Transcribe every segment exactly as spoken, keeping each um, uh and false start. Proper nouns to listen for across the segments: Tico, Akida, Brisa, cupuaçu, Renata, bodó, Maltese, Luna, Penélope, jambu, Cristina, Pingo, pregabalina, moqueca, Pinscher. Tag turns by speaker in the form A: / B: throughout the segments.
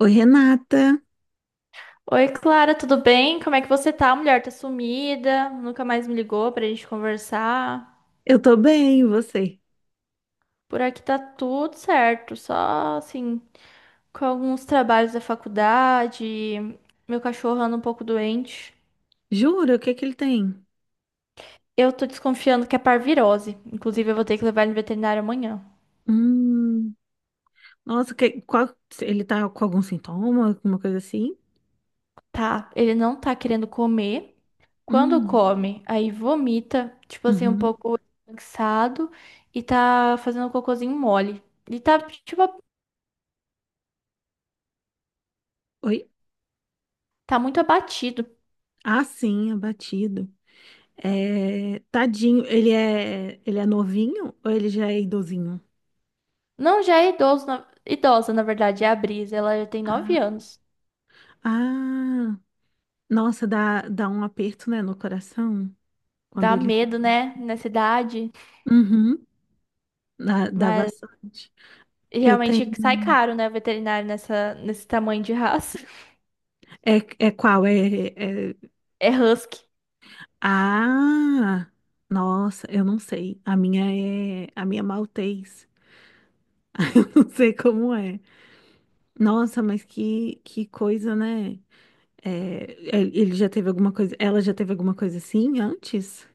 A: Oi, Renata.
B: Oi, Clara, tudo bem? Como é que você tá? Mulher tá sumida, nunca mais me ligou pra gente conversar.
A: Eu tô bem, e você?
B: Por aqui tá tudo certo, só assim, com alguns trabalhos da faculdade, meu cachorro anda um pouco doente.
A: Jura? O que que ele tem?
B: Eu tô desconfiando que é parvirose, inclusive eu vou ter que levar ele no veterinário amanhã.
A: Hum, nossa, que, qual, ele tá com algum sintoma, alguma coisa assim?
B: Tá, ele não tá querendo comer. Quando
A: Hum,
B: come, aí vomita, tipo assim, um
A: uhum.
B: pouco cansado e tá fazendo um cocôzinho mole. Ele tá, tipo,
A: Oi?
B: tá muito abatido.
A: Ah, sim, abatido. É, tadinho, ele é, ele é novinho ou ele já é idosinho?
B: Não, já é idoso, na- idosa, na verdade, é a Brisa. Ela já tem nove
A: Ah,
B: anos.
A: ah, nossa, dá, dá um aperto, né, no coração quando
B: Dá
A: ele se...
B: medo, né? Nessa idade.
A: Uhum, dá, dá
B: Mas
A: bastante. Eu
B: realmente
A: tenho...
B: sai caro, né? Veterinário nessa, nesse tamanho de raça.
A: É, é qual? É, é
B: É husky.
A: ah, nossa, eu não sei. A minha é a minha é maltês. Não sei como é. Nossa, mas que que coisa, né? É, ele ele já teve alguma coisa, ela já teve alguma coisa assim antes?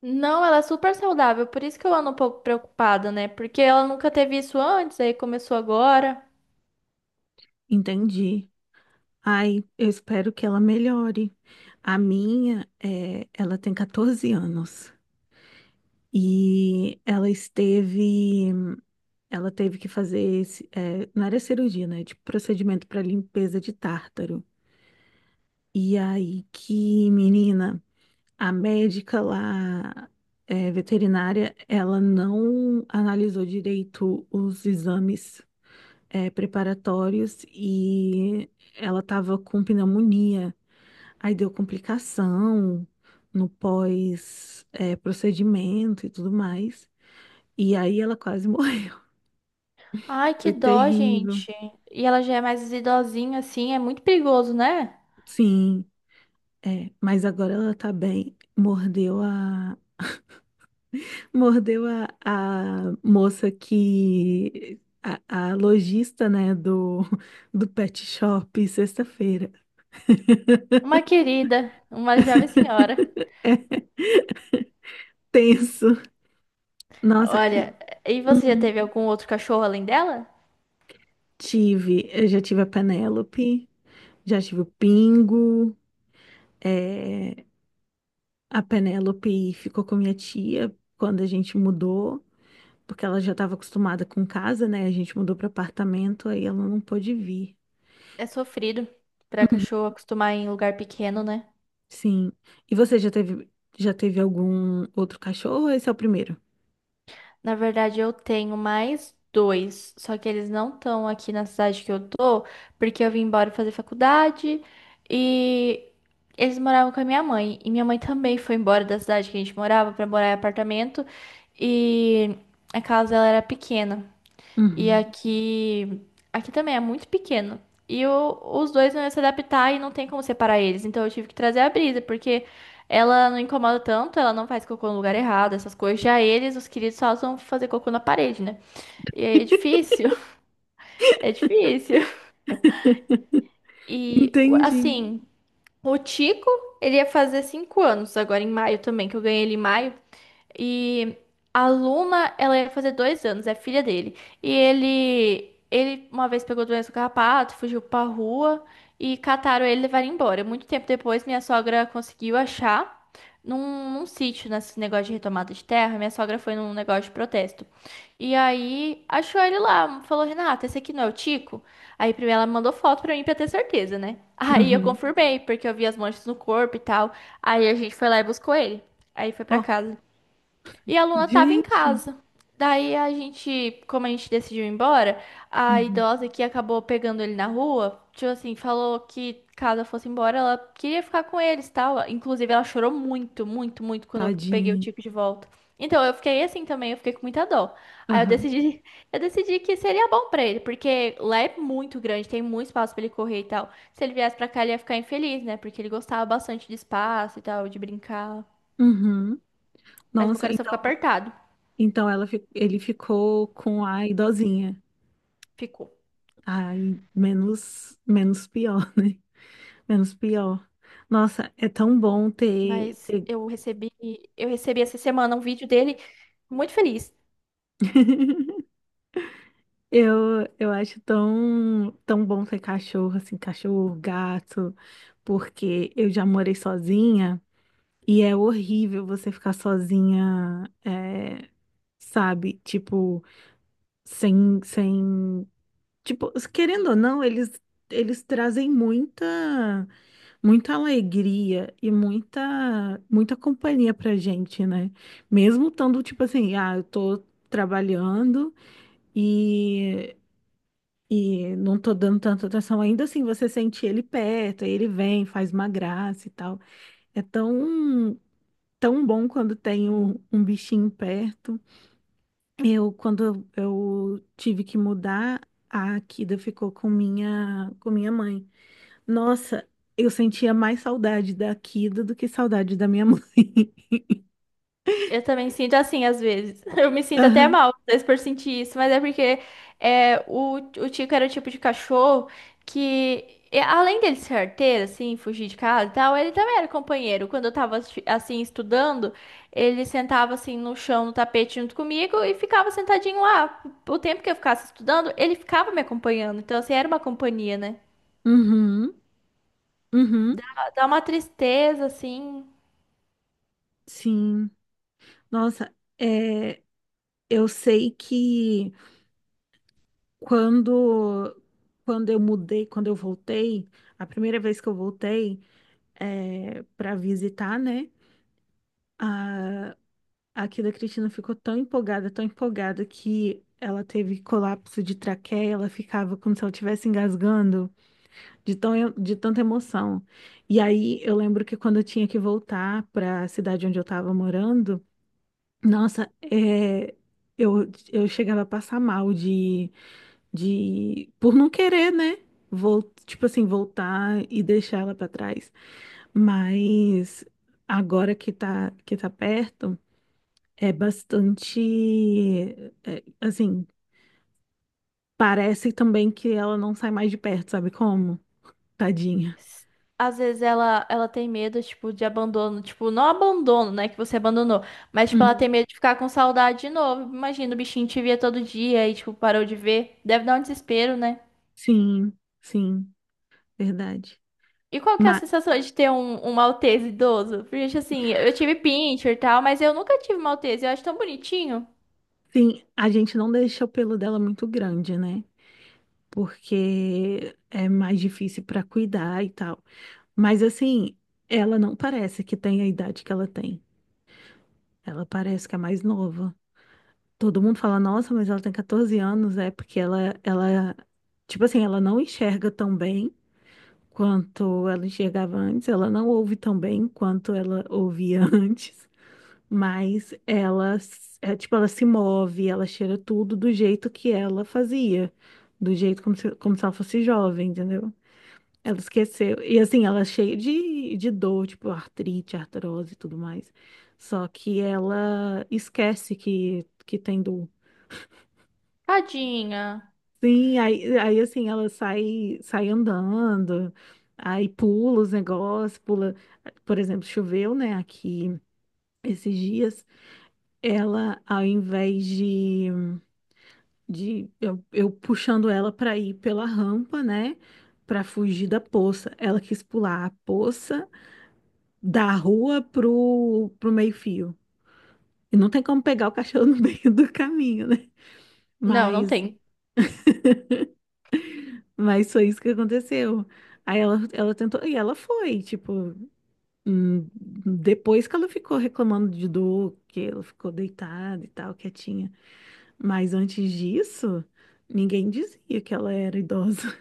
B: Não, ela é super saudável. Por isso que eu ando um pouco preocupada, né? Porque ela nunca teve isso antes, aí começou agora.
A: Entendi. Ai, eu espero que ela melhore. A minha, é, ela tem catorze anos e ela esteve, ela teve que fazer, esse- é, não era cirurgia, né? Tipo procedimento para limpeza de tártaro. E aí que, menina, a médica lá, é, veterinária, ela não analisou direito os exames, é, preparatórios e ela tava com pneumonia. Aí deu complicação no pós, é, procedimento e tudo mais. E aí ela quase morreu.
B: Ai, que
A: Foi
B: dó,
A: terrível.
B: gente. E ela já é mais idosinha, assim. É muito perigoso, né?
A: Sim, é, mas agora ela tá bem. Mordeu a Mordeu a, a moça que. A, a lojista, né, do, do pet shop, sexta-feira.
B: Uma querida, uma jovem senhora.
A: Tenso. Nossa, e
B: Olha, e você já
A: hum,
B: teve algum outro cachorro além dela?
A: tive. Eu já tive a Penélope, já tive o Pingo. É, a Penélope ficou com a minha tia quando a gente mudou, porque ela já estava acostumada com casa, né? A gente mudou para apartamento, aí ela não pôde vir.
B: É sofrido para cachorro acostumar em lugar pequeno, né?
A: Sim. E você já teve, já teve algum outro cachorro ou esse é o primeiro?
B: Na verdade, eu tenho mais dois, só que eles não estão aqui na cidade que eu tô, porque eu vim embora fazer faculdade e eles moravam com a minha mãe. E minha mãe também foi embora da cidade que a gente morava para morar em apartamento e a casa ela era pequena. E
A: Uhum.
B: aqui, aqui também é muito pequeno. E o- os dois não iam se adaptar e não tem como separar eles. Então eu tive que trazer a Brisa, porque ela não incomoda tanto, ela não faz cocô no lugar errado, essas coisas. Já eles, os queridos, só vão fazer cocô na parede, né? E aí é difícil, é difícil. E
A: Entendi.
B: assim, o Tico, ele ia fazer cinco anos agora em maio também, que eu ganhei ele em maio. E a Luna, ela ia fazer dois anos, é filha dele. E ele, ele uma vez pegou doença do carrapato, fugiu pra rua e cataram ele e levaram embora. Muito tempo depois, minha sogra conseguiu achar num, num sítio, nesse negócio de retomada de terra. Minha sogra foi num negócio de protesto. E aí achou ele lá, falou: Renata, esse aqui não é o Tico? Aí primeiro ela mandou foto pra mim pra ter certeza, né? Aí eu
A: Uhum.
B: confirmei, porque eu vi as manchas no corpo e tal. Aí a gente foi lá e buscou ele. Aí foi pra
A: Ó,
B: casa. E a Luna tava em
A: gente,
B: casa. Daí a gente, como a gente decidiu ir embora, a
A: uhum,
B: idosa que acabou pegando ele na rua, tipo assim, falou que caso eu fosse embora, ela queria ficar com eles, tal. Inclusive, ela chorou muito, muito, muito quando eu peguei o
A: tadinho.
B: Tico de volta. Então, eu fiquei assim também, eu fiquei com muita dó. Aí eu
A: Aham.
B: decidi, eu decidi que seria bom pra ele, porque lá é muito grande, tem muito espaço pra ele correr e tal. Se ele viesse pra cá, ele ia ficar infeliz, né? Porque ele gostava bastante de espaço e tal, de brincar.
A: Uhum.
B: Mas meu
A: Nossa,
B: coração ficou
A: então,
B: apertado.
A: então ela, fi- ele ficou com a idosinha.
B: Ficou.
A: Aí, menos, menos pior, né? Menos pior. Nossa, é tão bom ter,
B: Mas
A: ter...
B: eu recebi, eu recebi essa semana um vídeo dele muito feliz.
A: Eu, eu acho tão, tão bom ter cachorro, assim, cachorro, gato, porque eu já morei sozinha e é horrível você ficar sozinha, é, sabe? Tipo, sem, sem, tipo, querendo ou não, eles eles trazem muita muita alegria e muita muita companhia pra gente, né? Mesmo estando tipo assim, ah, eu tô trabalhando e E não tô dando tanta atenção. Ainda assim, você sente ele perto, aí ele vem, faz uma graça e tal. É tão, tão bom quando tem um, um bichinho perto. Eu, quando eu tive que mudar, a Akida ficou com minha, com minha mãe. Nossa, eu sentia mais saudade da Akida do que saudade da minha mãe.
B: Eu também sinto assim às vezes. Eu me sinto até
A: Aham.
B: mal, às vezes, por sentir isso, mas é porque é, o, o Tico era o tipo de cachorro que, e além dele ser arteiro, assim, fugir de casa e tal, ele também era companheiro. Quando eu tava, assi- assim, estudando, ele sentava, assim, no chão, no tapete junto comigo e ficava sentadinho lá. O tempo que eu ficasse estudando, ele ficava me acompanhando. Então, assim, era uma companhia, né?
A: Uhum. Uhum.
B: Dá, Dá uma tristeza, assim.
A: Sim. Nossa, é, eu sei que quando, quando eu mudei, quando eu voltei, a primeira vez que eu voltei é, para visitar, né? Aqui da Cristina ficou tão empolgada, tão empolgada que ela teve colapso de traqueia, ela ficava como se ela estivesse engasgando de tão, de tanta emoção. E aí eu lembro que quando eu tinha que voltar para a cidade onde eu estava morando, nossa, é, eu, eu chegava a passar mal de, de por não querer, né? Vol, tipo assim, voltar e deixar ela para trás. Mas agora que tá, que tá perto. É bastante. É, assim, parece também que ela não sai mais de perto, sabe como? Tadinha.
B: s- Às vezes ela, ela tem medo, tipo, de abandono. Tipo, não abandono, né? Que você abandonou. Mas, tipo, ela
A: Uhum.
B: tem medo de ficar com saudade de novo. Imagina, o bichinho te via todo dia e, tipo, parou de ver. Deve dar um desespero, né?
A: Sim, sim, verdade.
B: E qual que é a
A: Mas,
B: sensação de ter um, um Maltese idoso? Porque, gente, assim, eu tive Pinscher e tal, mas eu nunca tive Maltese. Eu acho tão bonitinho.
A: sim, a gente não deixa o pelo dela muito grande, né? Porque é mais difícil pra cuidar e tal. Mas, assim, ela não parece que tem a idade que ela tem. Ela parece que é mais nova. Todo mundo fala, nossa, mas ela tem catorze anos, é porque ela, ela, tipo assim, ela não enxerga tão bem. Quanto ela enxergava antes. Ela não ouve tão bem quanto ela ouvia antes, mas ela, s- é, tipo, ela se move, ela cheira tudo do jeito que ela fazia, do jeito como se, como se ela fosse jovem, entendeu? Ela esqueceu. E assim, ela é cheia de, de dor, tipo artrite, artrose e tudo mais. Só que ela esquece que, que tem dor.
B: Tadinha.
A: Sim, aí, aí assim, ela sai, sai andando, aí pula os negócios, pula, por exemplo, choveu, né, aqui esses dias, ela, ao invés de, de eu, eu puxando ela para ir pela rampa, né, para fugir da poça, ela quis pular a poça da rua pro, pro meio-fio. E não tem como pegar o cachorro no meio do caminho, né?
B: Não, não
A: Mas,
B: tem.
A: mas foi isso que aconteceu. Aí ela, ela tentou, e ela foi, tipo. Hum, Depois que ela ficou reclamando de dor, que ela ficou deitada e tal, quietinha. Mas antes disso, ninguém dizia que ela era idosa.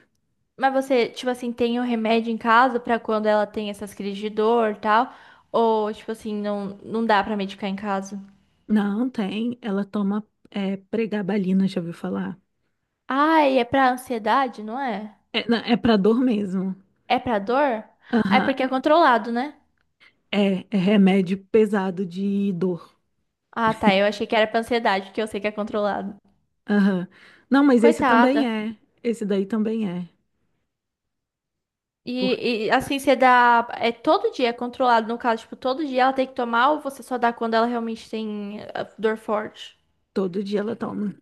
B: Mas você, tipo assim, tem um remédio em casa pra quando ela tem essas crises de dor e tal? Ou, tipo assim, não, não dá pra medicar em casa?
A: Não, tem. Ela toma é, pregabalina, já ouviu falar?
B: Ai, é pra ansiedade, não é?
A: É, não, é pra dor mesmo.
B: É pra dor? Ai,
A: Aham.
B: porque é controlado, né?
A: É, é remédio pesado de dor.
B: Ah, tá. Eu achei que era pra ansiedade, porque eu sei que é controlado.
A: Aham. Não, mas esse também
B: Coitada.
A: é. Esse daí também é. Porque
B: E, e, assim, você dá. É todo dia é controlado, no caso, tipo, todo dia ela tem que tomar ou você só dá quando ela realmente tem eh, dor forte?
A: todo dia ela toma.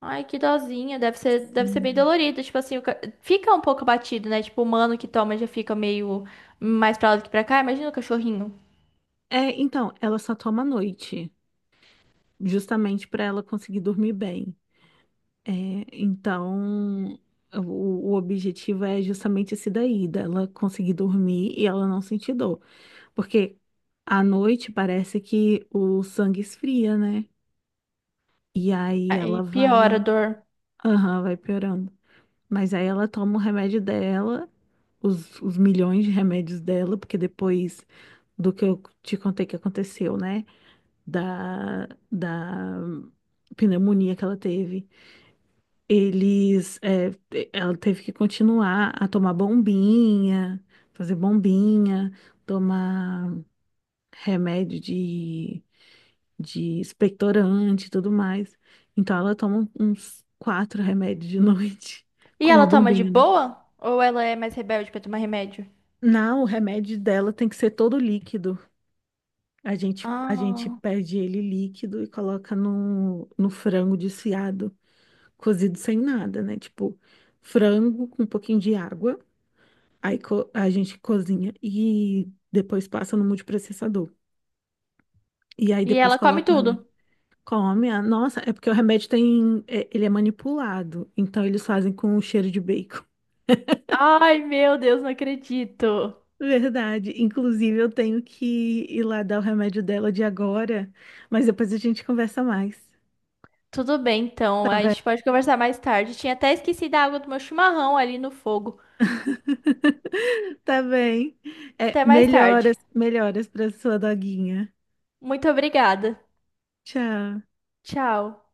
B: Ai, que dozinha. Deve ser, deve ser bem
A: Sim.
B: dolorido. Tipo assim, o ca- fica um pouco abatido, né? Tipo, o humano que toma já fica meio mais pra lá do que pra cá. Imagina o cachorrinho.
A: É, então, ela só toma à noite, justamente pra ela conseguir dormir bem. É, então, o, o objetivo é justamente esse daí, dela conseguir dormir e ela não sentir dor. Porque à noite parece que o sangue esfria, né? E aí
B: Aí
A: ela
B: piora a
A: vai,
B: dor.
A: aham, vai piorando. Mas aí ela toma o remédio dela, os, os milhões de remédios dela, porque depois do que eu te contei que aconteceu, né? Da, da pneumonia que ela teve. Eles, é, ela teve que continuar a tomar bombinha, fazer bombinha, tomar remédio de, de expectorante e tudo mais. Então ela toma um, uns quatro remédios de noite
B: E
A: com uma
B: ela toma de
A: bombinha, né?
B: boa? Ou ela é mais rebelde pra tomar remédio?
A: Não, o remédio dela tem que ser todo líquido. A gente, a gente
B: Ah.
A: pede ele líquido e coloca no, no frango desfiado, cozido sem nada, né? Tipo, frango com um pouquinho de água. Aí co- a gente cozinha e depois passa no multiprocessador. E aí
B: E
A: depois
B: ela come
A: coloca o remédio.
B: tudo.
A: Come, ah, nossa, é porque o remédio tem, é- ele é manipulado, então eles fazem com o cheiro de bacon.
B: Ai, meu Deus, não acredito.
A: Verdade. Inclusive, eu tenho que ir lá dar o remédio dela de agora, mas depois a gente conversa mais.
B: Tudo bem, então.
A: Tá
B: A
A: bem?
B: gente pode conversar mais tarde. Tinha até esquecido a água do meu chimarrão ali no fogo.
A: Tá bem. É,
B: Até mais
A: melhoras,
B: tarde.
A: melhoras para sua doguinha.
B: Muito obrigada.
A: Tchau.
B: Tchau.